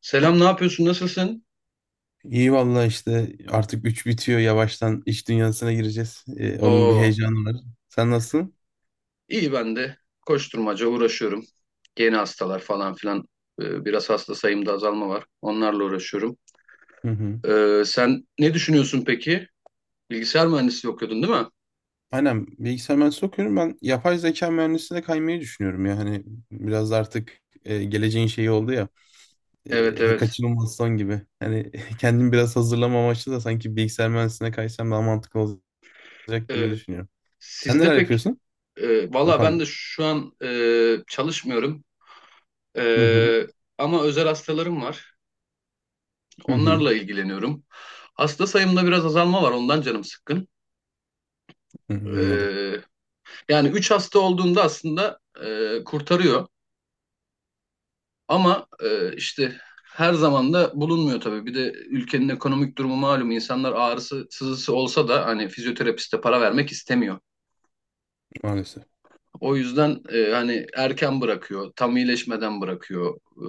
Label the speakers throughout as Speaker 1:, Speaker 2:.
Speaker 1: Selam, ne yapıyorsun? Nasılsın?
Speaker 2: İyi valla işte artık 3 bitiyor yavaştan iş dünyasına gireceğiz. Onun bir
Speaker 1: Oo,
Speaker 2: heyecanı var. Sen nasılsın?
Speaker 1: iyi ben de. Koşturmaca uğraşıyorum. Yeni hastalar falan filan. Biraz hasta sayımda azalma var. Onlarla uğraşıyorum.
Speaker 2: Hı hı.
Speaker 1: Sen ne düşünüyorsun peki? Bilgisayar mühendisliği okuyordun değil mi?
Speaker 2: Aynen, bilgisayar mühendisliği okuyorum. Ben yapay zeka mühendisliğine kaymayı düşünüyorum ya. Hani biraz da artık geleceğin şeyi oldu ya.
Speaker 1: Evet evet.
Speaker 2: Kaçınılmaz son gibi. Hani kendimi biraz hazırlama amaçlı da sanki bilgisayar mühendisliğine kaysam daha mantıklı olacak
Speaker 1: Ee,
Speaker 2: gibi düşünüyorum. Sen
Speaker 1: Sizde
Speaker 2: neler
Speaker 1: pek
Speaker 2: yapıyorsun? Ha,
Speaker 1: valla ben de
Speaker 2: pardon.
Speaker 1: şu an çalışmıyorum.
Speaker 2: Hı hı.
Speaker 1: Ee, Ama özel hastalarım var.
Speaker 2: Hı hı.
Speaker 1: Onlarla ilgileniyorum. Hasta sayımda biraz azalma var. Ondan canım sıkkın.
Speaker 2: Hı hı.
Speaker 1: E,
Speaker 2: Anladım,
Speaker 1: Yani 3 hasta olduğunda aslında kurtarıyor ama işte her zaman da bulunmuyor tabii. Bir de ülkenin ekonomik durumu malum. İnsanlar ağrısı, sızısı olsa da hani fizyoterapiste para vermek istemiyor.
Speaker 2: maalesef.
Speaker 1: O yüzden hani erken bırakıyor, tam iyileşmeden bırakıyor.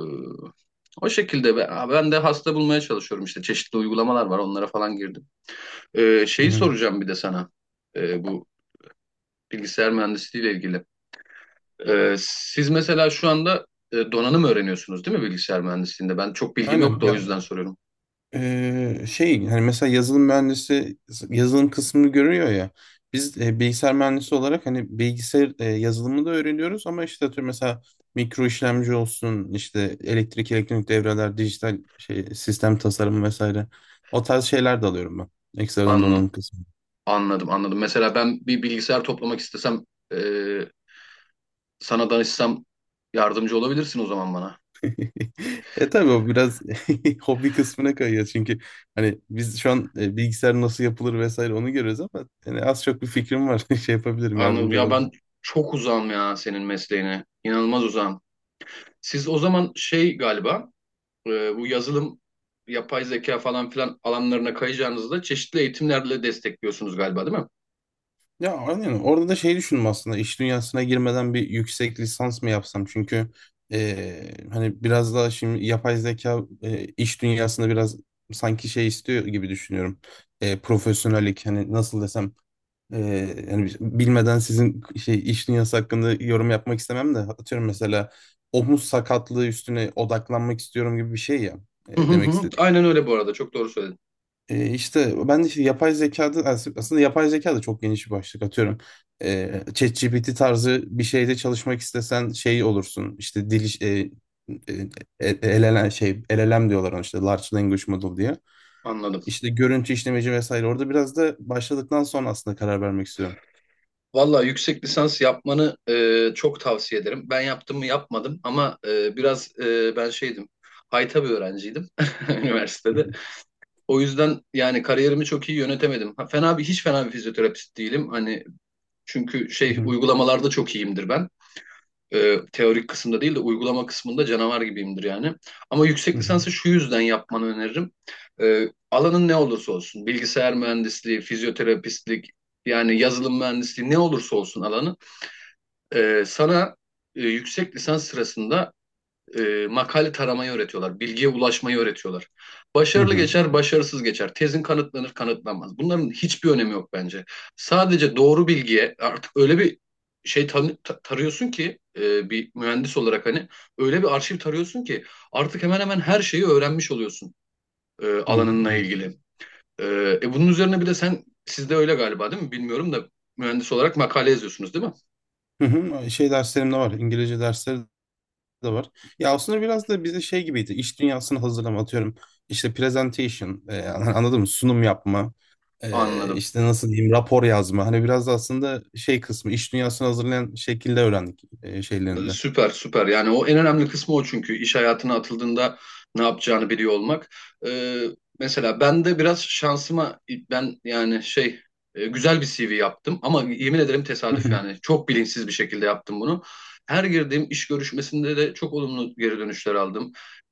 Speaker 1: O şekilde ben de hasta bulmaya çalışıyorum işte. Çeşitli uygulamalar var, onlara falan girdim.
Speaker 2: Hı
Speaker 1: Şeyi
Speaker 2: hı.
Speaker 1: soracağım bir de sana. Bu bilgisayar mühendisliği ile ilgili. Siz mesela şu anda donanım öğreniyorsunuz değil mi bilgisayar mühendisliğinde? Ben çok bilgim
Speaker 2: Aynen
Speaker 1: yok da o
Speaker 2: ya.
Speaker 1: yüzden soruyorum.
Speaker 2: Şey, hani mesela yazılım mühendisi yazılım kısmını görüyor ya, biz bilgisayar mühendisi olarak hani bilgisayar yazılımı da öğreniyoruz ama işte atıyorum mesela mikro işlemci olsun, işte elektrik elektronik devreler, dijital şey, sistem tasarımı vesaire, o tarz şeyler de alıyorum ben, ekstradan
Speaker 1: An
Speaker 2: donanım kısmı.
Speaker 1: Anladım anladım. Mesela ben bir bilgisayar toplamak istesem e, sana danışsam yardımcı olabilirsin o zaman bana.
Speaker 2: E tabii, o biraz hobi kısmına kayıyor çünkü hani biz şu an bilgisayar nasıl yapılır vesaire onu görüyoruz, ama yani az çok bir fikrim var. Şey yapabilirim,
Speaker 1: Anladım.
Speaker 2: yardımcı.
Speaker 1: Ya ben çok uzağım ya senin mesleğine. İnanılmaz uzağım. Siz o zaman şey galiba bu yazılım, yapay zeka falan filan alanlarına kayacağınızda çeşitli eğitimlerle destekliyorsunuz galiba değil mi?
Speaker 2: Ya aynen, orada da şey düşündüm aslında, iş dünyasına girmeden bir yüksek lisans mı yapsam, çünkü hani biraz daha şimdi yapay zeka iş dünyasında biraz sanki şey istiyor gibi düşünüyorum. Profesyonellik, hani nasıl desem, hani bilmeden sizin şey iş dünyası hakkında yorum yapmak istemem de, atıyorum mesela omuz sakatlığı üstüne odaklanmak istiyorum gibi bir şey ya.
Speaker 1: Hı hı
Speaker 2: Demek
Speaker 1: hı. Aynen öyle bu arada. Çok doğru söyledin.
Speaker 2: işte ben de işte yapay zekada aslında yapay zeka da çok geniş bir başlık, atıyorum. E, ChatGPT tarzı bir şeyde çalışmak istesen şey olursun. İşte dil iş- e, e, e, LLM, LLM diyorlar ona, işte Large Language Model diye.
Speaker 1: Anladım.
Speaker 2: İşte görüntü işlemeci vesaire. Orada biraz da başladıktan sonra aslında karar vermek istiyorum.
Speaker 1: Valla yüksek lisans yapmanı çok tavsiye ederim. Ben yaptım mı yapmadım ama biraz ben şeydim, hayta bir öğrenciydim
Speaker 2: Hı
Speaker 1: üniversitede.
Speaker 2: hı.
Speaker 1: O yüzden yani kariyerimi çok iyi yönetemedim. Ha, fena bir hiç fena bir fizyoterapist değilim. Hani çünkü
Speaker 2: Hı
Speaker 1: şey
Speaker 2: hı.
Speaker 1: uygulamalarda çok iyiyimdir ben. Teorik kısımda değil de uygulama kısmında canavar gibiyimdir yani. Ama
Speaker 2: Hı
Speaker 1: yüksek
Speaker 2: hı.
Speaker 1: lisansı şu yüzden yapmanı öneririm. Alanın ne olursa olsun, bilgisayar mühendisliği, fizyoterapistlik, yani yazılım mühendisliği ne olursa olsun alanı. Sana yüksek lisans sırasında makale taramayı öğretiyorlar, bilgiye ulaşmayı öğretiyorlar.
Speaker 2: Hı
Speaker 1: Başarılı
Speaker 2: hı.
Speaker 1: geçer, başarısız geçer. Tezin kanıtlanır, kanıtlanmaz. Bunların hiçbir önemi yok bence. Sadece doğru bilgiye artık öyle bir şey tarıyorsun ki bir mühendis olarak hani öyle bir arşiv tarıyorsun ki artık hemen hemen her şeyi öğrenmiş oluyorsun
Speaker 2: Hı
Speaker 1: alanınla
Speaker 2: hı.
Speaker 1: ilgili. E, Bunun üzerine bir de sen sizde öyle galiba değil mi? Bilmiyorum da mühendis olarak makale yazıyorsunuz değil mi?
Speaker 2: Hı hı. Şey, derslerim de var. İngilizce dersleri da var. Ya aslında biraz da bize şey gibiydi. İş dünyasını hazırlama, atıyorum. İşte presentation, anladın mı? Sunum yapma,
Speaker 1: Anladım.
Speaker 2: işte nasıl diyeyim, rapor yazma. Hani biraz da aslında şey kısmı iş dünyasını hazırlayan şekilde öğrendik şeylerinde.
Speaker 1: Süper süper yani o en önemli kısmı o çünkü iş hayatına atıldığında ne yapacağını biliyor olmak. Ee, Mesela ben de biraz şansıma ben yani şey güzel bir CV yaptım ama yemin ederim
Speaker 2: Hı
Speaker 1: tesadüf
Speaker 2: hı.
Speaker 1: yani çok bilinçsiz bir şekilde yaptım bunu. Her girdiğim iş görüşmesinde de çok olumlu geri dönüşler aldım.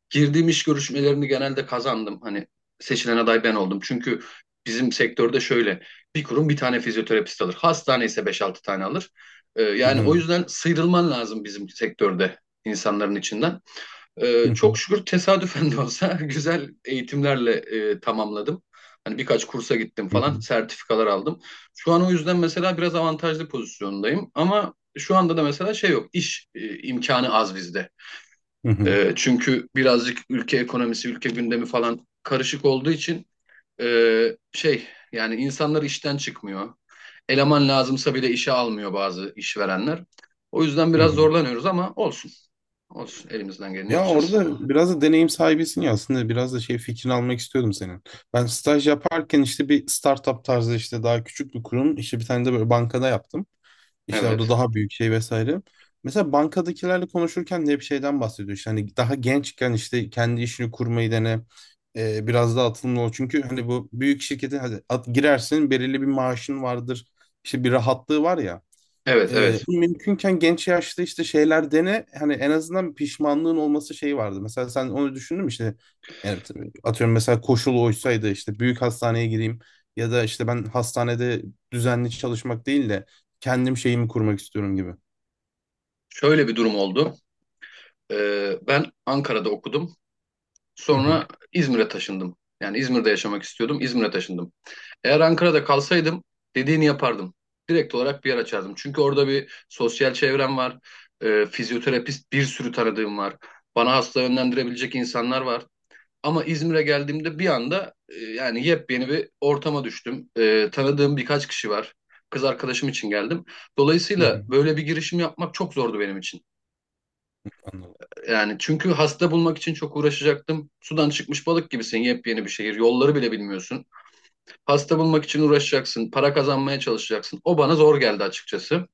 Speaker 1: Girdiğim iş görüşmelerini genelde kazandım hani seçilen aday ben oldum çünkü bizim sektörde şöyle bir kurum bir tane fizyoterapist alır hastane ise beş altı tane alır. Yani o
Speaker 2: Anladım.
Speaker 1: yüzden sıyrılman lazım bizim sektörde insanların içinden.
Speaker 2: Hı hı.
Speaker 1: Çok şükür tesadüfen de olsa güzel eğitimlerle tamamladım. Hani birkaç kursa gittim
Speaker 2: Hı
Speaker 1: falan,
Speaker 2: hı.
Speaker 1: sertifikalar aldım. Şu an o yüzden mesela biraz avantajlı pozisyondayım. Ama şu anda da mesela şey yok, iş imkanı az bizde.
Speaker 2: Hı hı.
Speaker 1: Çünkü birazcık ülke ekonomisi, ülke gündemi falan karışık olduğu için şey yani insanlar işten çıkmıyor. Eleman lazımsa bile işe almıyor bazı işverenler. O yüzden
Speaker 2: Hı
Speaker 1: biraz
Speaker 2: hı.
Speaker 1: zorlanıyoruz ama olsun. Olsun elimizden geleni
Speaker 2: Ya
Speaker 1: yapacağız.
Speaker 2: orada biraz da deneyim sahibisin ya, aslında biraz da şey fikrini almak istiyordum senin. Ben staj yaparken işte bir startup tarzı, işte daha küçük bir kurum, işte bir tane de böyle bankada yaptım. İşte orada
Speaker 1: Evet.
Speaker 2: daha büyük şey vesaire. Mesela bankadakilerle konuşurken de hep şeyden bahsediyor. İşte hani daha gençken işte kendi işini kurmayı dene. Biraz daha atılımlı ol. Çünkü hani bu büyük şirkete hadi at, girersin, belirli bir maaşın vardır. İşte bir rahatlığı var ya.
Speaker 1: Evet evet.
Speaker 2: Mümkünken genç yaşta işte şeyler dene, hani en azından bir pişmanlığın olması şeyi vardı. Mesela sen onu düşündün mü işte, yani tabii atıyorum mesela koşul oysaydı işte büyük hastaneye gireyim, ya da işte ben hastanede düzenli çalışmak değil de kendim şeyimi kurmak istiyorum gibi.
Speaker 1: Şöyle bir durum oldu. Ben Ankara'da okudum.
Speaker 2: Hı hı.
Speaker 1: Sonra İzmir'e taşındım. Yani İzmir'de yaşamak istiyordum. İzmir'e taşındım. Eğer Ankara'da kalsaydım dediğini yapardım. Direkt olarak bir yer açardım. Çünkü orada bir sosyal çevrem var. Fizyoterapist bir sürü tanıdığım var. Bana hasta yönlendirebilecek insanlar var. Ama İzmir'e geldiğimde bir anda yani yepyeni bir ortama düştüm. Tanıdığım birkaç kişi var. Kız arkadaşım için geldim.
Speaker 2: Hı
Speaker 1: Dolayısıyla
Speaker 2: hı.
Speaker 1: böyle bir girişim yapmak çok zordu benim için.
Speaker 2: Anladım.
Speaker 1: Yani çünkü hasta bulmak için çok uğraşacaktım. Sudan çıkmış balık gibisin, yepyeni bir şehir. Yolları bile bilmiyorsun. Hasta bulmak için uğraşacaksın, para kazanmaya çalışacaksın. O bana zor geldi açıkçası.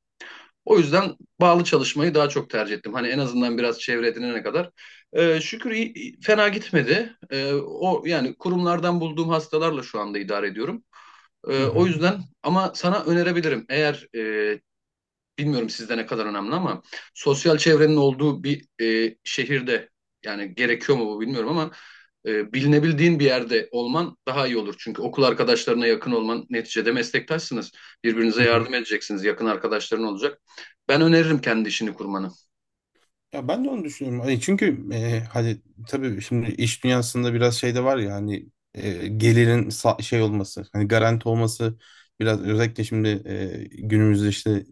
Speaker 1: O yüzden bağlı çalışmayı daha çok tercih ettim. Hani en azından biraz çevre edinene kadar. Şükür fena gitmedi. O yani kurumlardan bulduğum hastalarla şu anda idare ediyorum.
Speaker 2: Hı
Speaker 1: O
Speaker 2: hı.
Speaker 1: yüzden ama sana önerebilirim. Eğer bilmiyorum sizde ne kadar önemli ama sosyal çevrenin olduğu bir şehirde yani gerekiyor mu bu bilmiyorum ama bilinebildiğin bir yerde olman daha iyi olur. Çünkü okul arkadaşlarına yakın olman neticede meslektaşsınız. Birbirinize
Speaker 2: Hı hı.
Speaker 1: yardım edeceksiniz. Yakın arkadaşların olacak. Ben öneririm kendi işini kurmanı.
Speaker 2: Ya ben de onu düşünüyorum. Hani çünkü hani tabii şimdi iş dünyasında biraz şey de var ya, hani gelirin şey olması, hani garanti olması, biraz özellikle şimdi günümüzde işte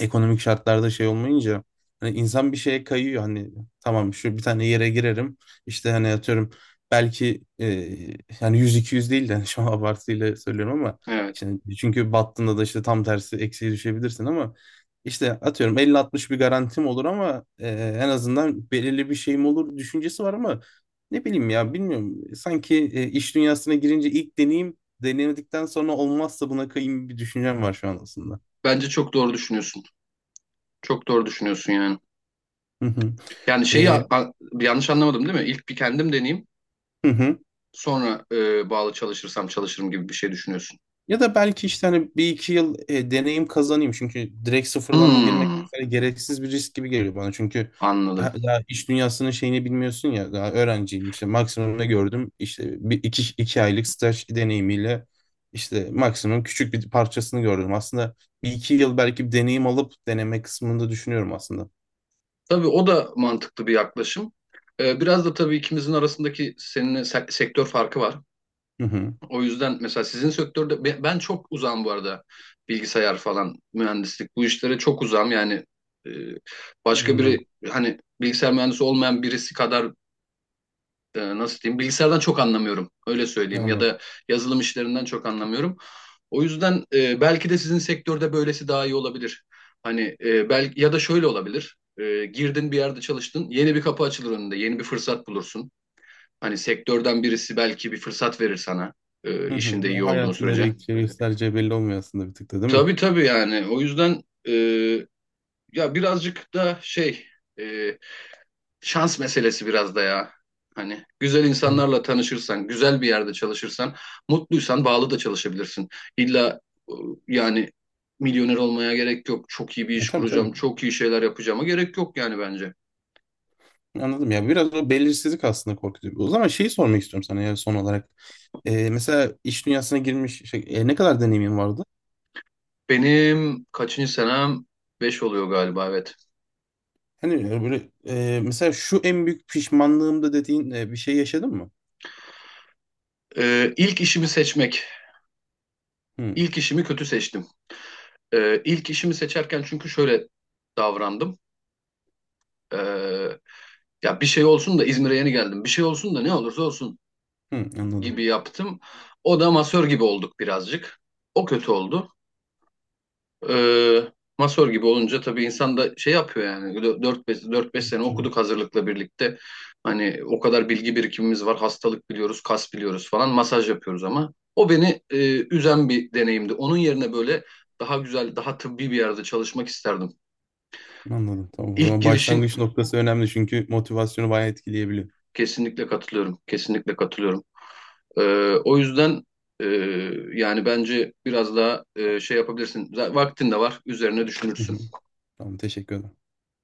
Speaker 2: ekonomik şartlarda şey olmayınca hani insan bir şeye kayıyor, hani tamam şu bir tane yere girerim, işte hani atıyorum belki yani 100-200 değil de hani şu an abartıyla söylüyorum ama
Speaker 1: Evet.
Speaker 2: şimdi çünkü battığında da işte tam tersi eksiye düşebilirsin, ama işte atıyorum 50-60 bir garantim olur, ama en azından belirli bir şeyim olur düşüncesi var, ama ne bileyim ya, bilmiyorum, sanki iş dünyasına girince ilk deneyim, denemedikten sonra olmazsa buna kayayım bir düşüncem var şu an aslında.
Speaker 1: Bence çok doğru düşünüyorsun. Çok doğru düşünüyorsun yani.
Speaker 2: Hı hı.
Speaker 1: Yani şeyi yanlış anlamadım değil mi? İlk bir kendim deneyeyim.
Speaker 2: Hı hı.
Speaker 1: Sonra bağlı çalışırsam çalışırım gibi bir şey düşünüyorsun.
Speaker 2: Ya da belki işte hani bir iki yıl deneyim kazanayım. Çünkü direkt sıfırdan girmek
Speaker 1: Hmm,
Speaker 2: mesela gereksiz bir risk gibi geliyor bana. Çünkü
Speaker 1: anladım.
Speaker 2: daha iş dünyasının şeyini bilmiyorsun ya. Daha öğrenciyim, işte maksimum ne gördüm? İşte bir iki, iki aylık staj deneyimiyle işte maksimum küçük bir parçasını gördüm. Aslında bir iki yıl belki bir deneyim alıp deneme kısmında düşünüyorum aslında.
Speaker 1: Tabii o da mantıklı bir yaklaşım. Biraz da tabii ikimizin arasındaki seninle sektör farkı var.
Speaker 2: Hı hı.
Speaker 1: O yüzden mesela sizin sektörde ben çok uzağım bu arada, bilgisayar falan mühendislik bu işlere çok uzağım yani. e, Başka biri
Speaker 2: Anladım.
Speaker 1: hani bilgisayar mühendisi olmayan birisi kadar nasıl diyeyim bilgisayardan çok anlamıyorum, öyle söyleyeyim, ya
Speaker 2: Anladım.
Speaker 1: da yazılım işlerinden çok anlamıyorum. O yüzden belki de sizin sektörde böylesi daha iyi olabilir. Hani belki ya da şöyle olabilir. Girdin bir yerde çalıştın, yeni bir kapı açılır önünde, yeni bir fırsat bulursun. Hani sektörden birisi belki bir fırsat verir sana
Speaker 2: Hı hı.
Speaker 1: işinde iyi
Speaker 2: Ya
Speaker 1: olduğun
Speaker 2: hayatın nereye
Speaker 1: sürece.
Speaker 2: gideceği, göstereceği belli olmuyor aslında bir tık da, değil mi?
Speaker 1: Tabii tabii yani o yüzden e, ya birazcık da şey e, şans meselesi biraz da ya. Hani güzel
Speaker 2: Hı.
Speaker 1: insanlarla tanışırsan, güzel bir yerde çalışırsan, mutluysan bağlı da çalışabilirsin. İlla e, yani milyoner olmaya gerek yok. Çok iyi bir
Speaker 2: E
Speaker 1: iş
Speaker 2: tabii,
Speaker 1: kuracağım,
Speaker 2: tabii.
Speaker 1: çok iyi şeyler yapacağıma gerek yok yani bence.
Speaker 2: Anladım ya, biraz o belirsizlik aslında korkutuyor. O zaman şeyi sormak istiyorum sana ya, son olarak. Mesela iş dünyasına girmiş şey, ne kadar deneyimin vardı?
Speaker 1: Benim kaçıncı senem? Beş oluyor galiba, evet.
Speaker 2: Hani böyle mesela şu en büyük pişmanlığımda dediğin bir şey yaşadın mı?
Speaker 1: İlk işimi seçmek.
Speaker 2: Hı,
Speaker 1: İlk işimi kötü seçtim. İlk işimi seçerken çünkü şöyle davrandım. Ee, Ya bir şey olsun da İzmir'e yeni geldim. Bir şey olsun da ne olursa olsun
Speaker 2: hı, anladım.
Speaker 1: gibi yaptım. O da masör gibi olduk birazcık. O kötü oldu. Ee, Masör gibi olunca tabii insan da şey yapıyor yani dört beş sene
Speaker 2: Tamam,
Speaker 1: okuduk hazırlıkla birlikte. Hani o kadar bilgi birikimimiz var. Hastalık biliyoruz, kas biliyoruz falan. Masaj yapıyoruz ama o beni üzen bir deneyimdi. Onun yerine böyle daha güzel, daha tıbbi bir yerde çalışmak isterdim.
Speaker 2: anladım. Tamam, o
Speaker 1: İlk
Speaker 2: zaman
Speaker 1: girişin
Speaker 2: başlangıç noktası önemli çünkü motivasyonu bayağı etkileyebiliyor.
Speaker 1: kesinlikle katılıyorum. Kesinlikle katılıyorum. O yüzden e, yani bence biraz daha şey yapabilirsin. Vaktin de var, üzerine
Speaker 2: Hı
Speaker 1: düşünürsün.
Speaker 2: hı. Tamam, teşekkür ederim.